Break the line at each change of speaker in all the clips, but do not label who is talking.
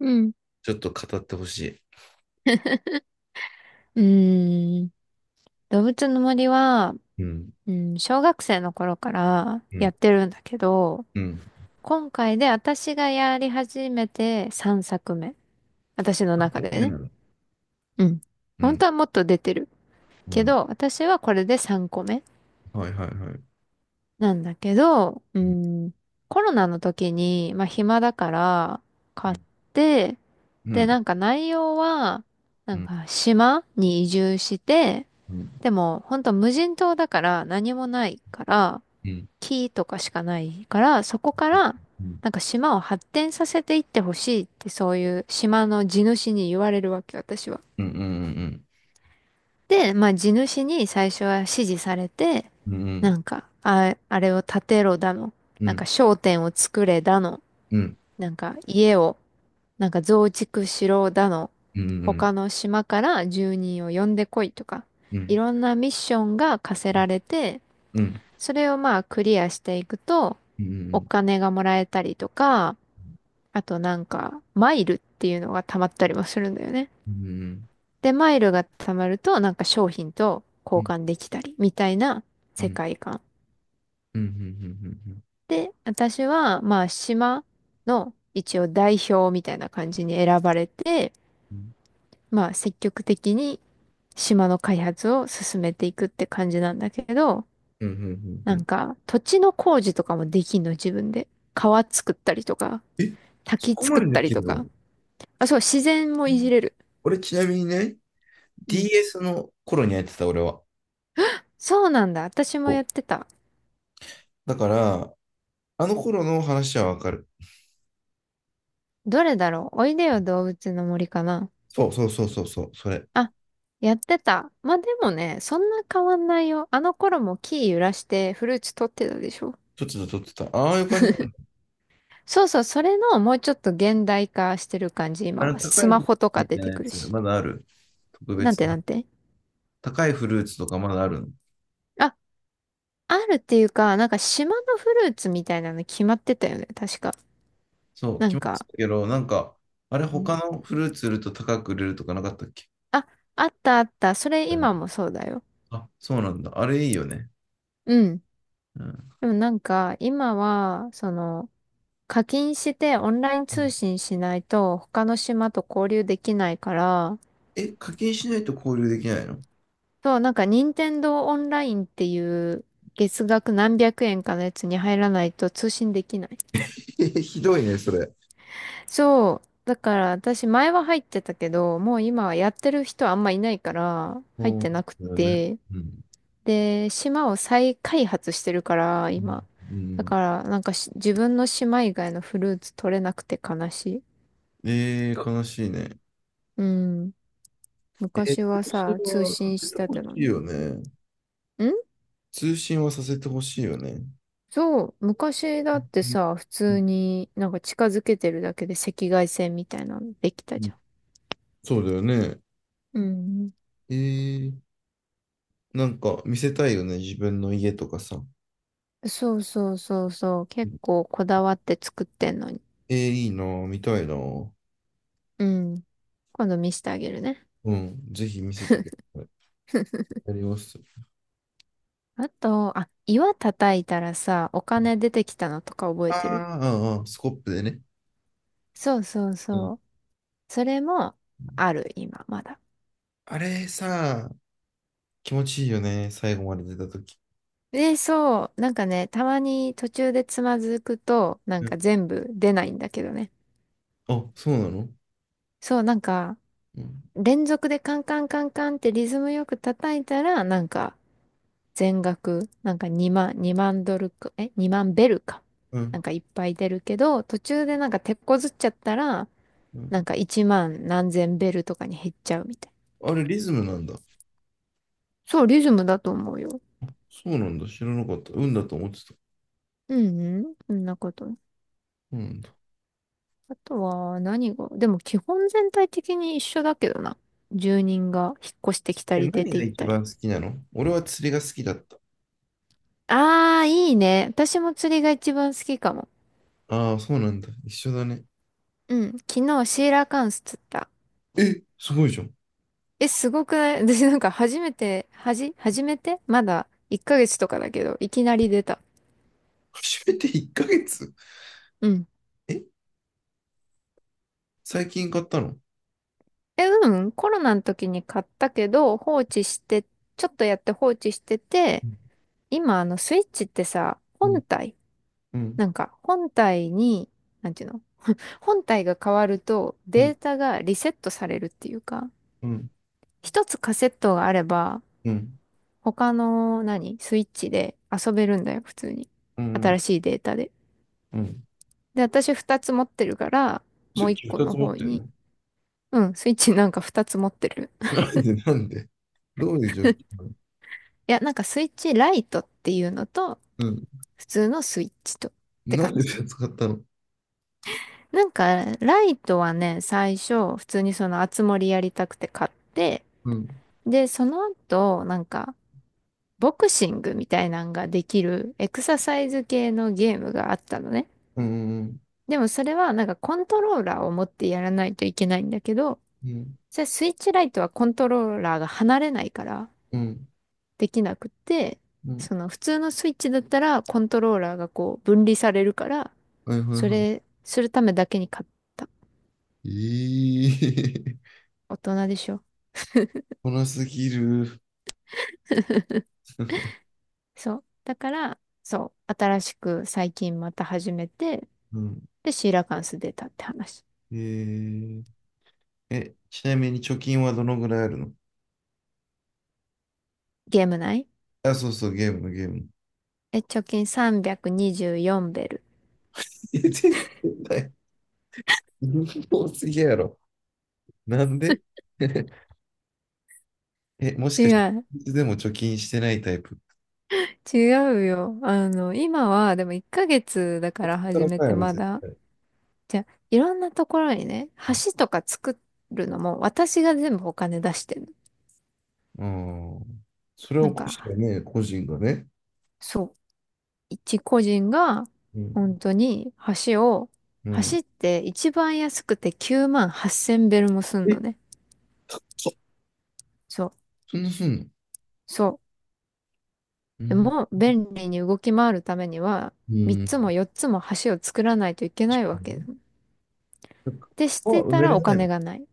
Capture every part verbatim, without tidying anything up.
うん。うーん。動物の森は、うん、小学生の頃からやってるんだけど、今回で私がやり始めてさんさくめ。私の中でね。うん。本当はもっと出てる。けど、私はこれでさんこめなんだけど、うん、コロナの時に、まあ暇だから買って、で、なんか内容は、なんか島に移住して、でも、ほんと無人島だから何もないから、木とかしかないから、そこから、なんか島を発展させていってほしいってそういう島の地主に言われるわけ、私は。で、まあ地主に最初は指示されて、なんか、あ、あれを建てろだの、なんか商店を作れだの、なんか家を、なんか増築しろだの、他の島から住人を呼んでこいとか、いろんなミッションが課せられて、それをまあクリアしていくと、お金がもらえたりとか、あとなんか、マイルっていうのが溜まったりもするんだよね。で、マイルが貯まると、なんか商品と交換できたり、みたいな世界観。で、私は、まあ、島の一応代表みたいな感じに選ばれて、まあ、積極的に島の開発を進めていくって感じなんだけど、なんか、土地の工事とかもできんの、自分で。川作ったりとか。滝作ったりとか。あ、そう、自然もいじれる。うん。そうなんだ。私もやってた。
あの頃の話はわかる。
どれだろうおいでよ動物の森かな。
そうそうそうそう、そう、それ。
あ、やってた。まあ、でもね、そんな変わんないよ。あの頃も木揺らしてフルーツ取ってたでしょ。
撮ってた、撮ってた。ああいう感じなの。
そうそう、それのもうちょっと現代化してる感じ、
あ
今
の、
は。
高
ス
いフ
マ
ルー
ホと
ツ
か
み
出
たい
て
なや
くる
つ、
し。
まだある。特
なん
別
てな
な。
んて。
高いフルーツとかまだあるの？
あ、あるっていうか、なんか島のフルーツみたいなの決まってたよね、確か。
そう、
な
気
ん
持ちい
か、
いけど、なんか、あれ
ん
他のフルーツ売ると高く売れるとかなかったっけ？
あ、あったあった。それ
う
今
ん。
もそうだよ。
あ、そうなんだ。あれいいよね。
うん。
うん。
でもなんか、今は、その、課金してオンライン
う
通
ん。
信しないと他の島と交流できないから、
え、課金しないと交流できないの？
そう、なんか任天堂オンラインっていう月額何百円かのやつに入らないと通信できない。
ひどいね、それ。
そう。だから私前は入ってたけど、もう今はやってる人あんまいないから入っ
そう
てなく
だよね。
て、
うん。
で、島を再開発してるから、
う
今。
ん。う
だ
ん。
から、なんかし自分の島以外のフルーツ取れなくて悲しい。
えー、悲しいね。
うん。
えー、
昔は
私
さ、通
はか
信
け
し
て
て
ほ
た
し
の
い
に。
よね。
ん
通信はさせてほしいよね。
そう。昔だって
うん。
さ、普
うん。
通になんか近づけてるだけで赤外線みたいなのできた
うん。
じゃん。
そうだよね。
うん。
えー、なんか見せたいよね、自分の家とかさ。
そうそうそうそう。結構こだわって作ってんのに。
えー、いいなぁ、見たいなぁ。
うん。今度見せてあげるね。
うん、ぜひ見せてください。やります。
あと、あ、岩叩いたらさ、お金出てきたのとか覚
あ
え
ー
てる？
あー、あ、スコップでね。
そうそう
うん。
そう。それもある、今、まだ。
あれさ、気持ちいいよね、最後まで出たとき。
で、そう、なんかね、たまに途中でつまずくと、なん
うん。
か全部出ないんだけどね。
あ、そうなの？
そう、なんか、
うん、
連続でカンカンカンカンってリズムよく叩いたら、なんか、全額、なんかにまん、にまんドルか、え、にまんベルか。
う
なん
ん、
かいっぱい出るけど、途中でなんか手こずっちゃったら、
う
なん
ん。
かいちまん何千ベルとかに減っちゃうみたい。
あれ、リズムなんだ。
そう、リズムだと思うよ。
そうなんだ、知らなかった。運だと思ってた。
うんうん、そんなこと。
うんだ。
あとは何が、でも基本全体的に一緒だけどな。住人が引っ越してきた
え、
り出
何
て
が
行っ
一
たり。
番好きなの？俺は釣りが好きだった。
ああ、いいね。私も釣りが一番好きかも。
ああ、そうなんだ。一緒だね。
うん。昨日シーラカンス釣った。
え、すごいじゃん。
え、すごくない？ 私なんか初めて、はじ、初めてまだいっかげつとかだけど、いきなり出た。
初めていっかげつ？
うん。
え、最近買ったの？
え、うん。コロナの時に買ったけど、放置して、ちょっとやって放置して
う
て、
ん、
今あのスイッチってさ、
うん、
本体、
うん、
なんか本体に、なんていうの？本体が変わると
う
デ
ん、
ータがリセットされるっていうか、
う
一つカセットがあれば、
ん、
他の何スイッチで遊べるんだよ、普通に。
うん、
新しいデータで。
うん。
で、私二つ持ってるから、
ス
も
イ
う
ッ
一
チ
個
ふたつ
の
持っ
方
てる
に。
の？
うん、スイッチなんか二つ持ってる。
なんで、なんで？どういう状況なの？
いや、なんかスイッチライトっていうのと、
うん。
普通のスイッチとって
なん
感
で
じ。
ふたつ買ったの？
なんか、ライトはね、最初、普通にその、あつ森やりたくて買って、
うん、
で、その後、なんか、ボクシングみたいなんができるエクササイズ系のゲームがあったのね。
うん、うん、
でもそれはなんかコントローラーを持ってやらないといけないんだけど、それスイッチライトはコントローラーが離れないから
うん、
できなくって、
うん。
その普通のスイッチだったらコントローラーがこう分離されるから、
はいはい
そ
は
れするためだけに買った。
い。ええ、
大人でしょ。
こなすぎる。
そう。だから、そう。新しく最近また始めて、
うん。
で、シーラカンス出たって話。
えー、え、ちなみに貯金はどのぐらいあるの？
ゲーム内？
あ、そうそう、ゲームのゲーム。
え、貯金さんびゃくにじゅうよんベル。
いや、絶対、多すぎやろ。なんで？ え、もしか
違
して、
う。
いつでも貯金してないタイプ。
違うよ。あの、今は、でもいっかげつだから始
働
め
かん
て
やろ、
ま
絶
だ。
対。
じゃあ、いろんなところにね、橋とか作るのも私が全部お金出してる。
うん。それは
な
お
ん
かしいよ
か、
ね、個人がね。
そう。一個人が
うん。
本当に橋を、
うん。
橋って一番安くてきゅうまんはっせんベルもすん
え、
のね。
そ、
そう。
そんなすんの？
そう。
う
で
ん。
も、便利に動き回るためには、
う
3
ん。
つ
確
もよっつも橋を作らないといけない
か
わけ。
に。なんか
てし
川
て
埋
た
め
ら
れ
お
ないの？
金がない。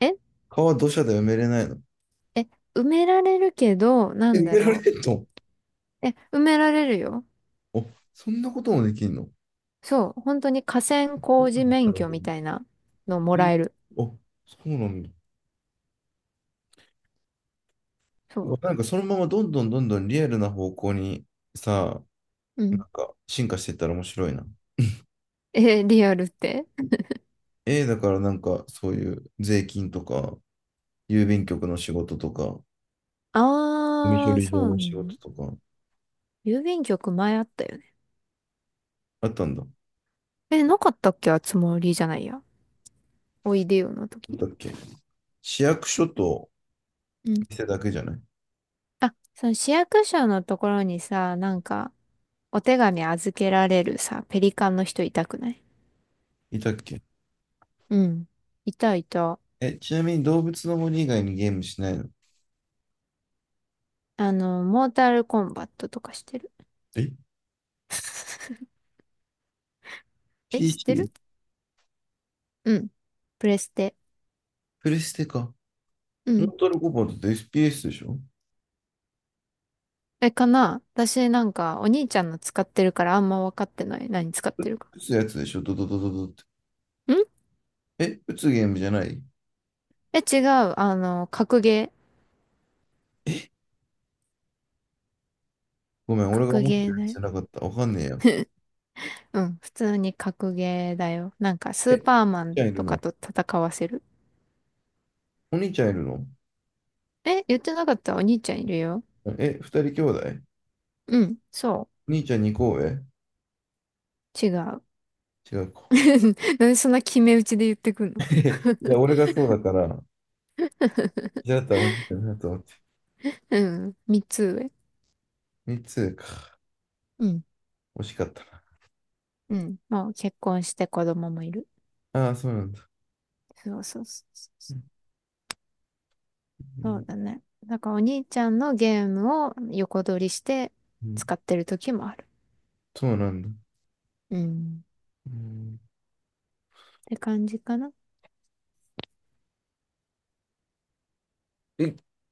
え
川土砂で埋めれないの？
え、埋められるけど、な
え、
ん
埋
だ
められん
ろ
の？
う。え、埋められるよ。
お、そんなこともできんの？
そう。本当に河川
そう
工
な
事
んでった
免
ら
許み
ね。
たいなのも
え、
らえる。
あ、そうなんだ。うわ、
そ
なんかそのままどんどんどんどんリアルな方向にさ、
う。う
な
ん。
んか進化していったら面白いな。
え、リアルって。
A だからなんかそういう税金とか、郵便局の仕事とか、ゴミ処
あー、
理
そ
場
う
の仕
ね。
事とか、
郵便局前あったよね。
あったんだ。あ
え、なかったっけ？あつ森じゃないや。おいでよの
っ
時。
たっけ？市役所と
うん。
店だけじゃない？
あ、その市役所のところにさ、なんか、お手紙預けられるさ、ペリカンの人いたくない？
いたっけ？
うん。いたいた。
え、ちなみに動物の森以外にゲームしないの？
あの、モータルコンバットとかしてる。
え
え、知ってる？
?ピーシー?
うん。プレステ。
プレステか。
う
モー
ん。
タルコンバットって エスピーエス でしょ？
え、かな？私なんか、お兄ちゃんの使ってるからあんま分かってない。何使ってるか。
打つやつでしょ？ドドドドドって。
ん
え、打つゲームじゃない？
え、違う。あの、格ゲー。
ごめん、俺が
格
思って
ゲ
る
ー
や
だ
つじ
よ。
ゃなかった。わかんねえよ。
うん。普通に格ゲーだよ。なんか、ス
え、
ー
兄
パーマ
ち
ン
ゃんいる
とか
の？
と戦わせる。
お兄ちゃんいるの？
え、言ってなかった？お兄ちゃんいるよ。
え、ふたり兄弟？
うん。そ
兄ちゃんにこ上？
う。違う。
違うか。
なんでそんな決め打ちで言ってくんの？
いや、俺がそうだから、じゃあだったら面白いなと思って。
うん。三つ上。
みっつか。
うん。
惜しかったな。
うん。もう結婚して子供もいる。
ああ、そうなんだ。
そうそうそうそう。
う
そう
ん、
だね。だからお兄ちゃんのゲームを横取りして
うん。
使ってる時もある。
そうなんだ。
うん。
うん、
って感じかな。
え、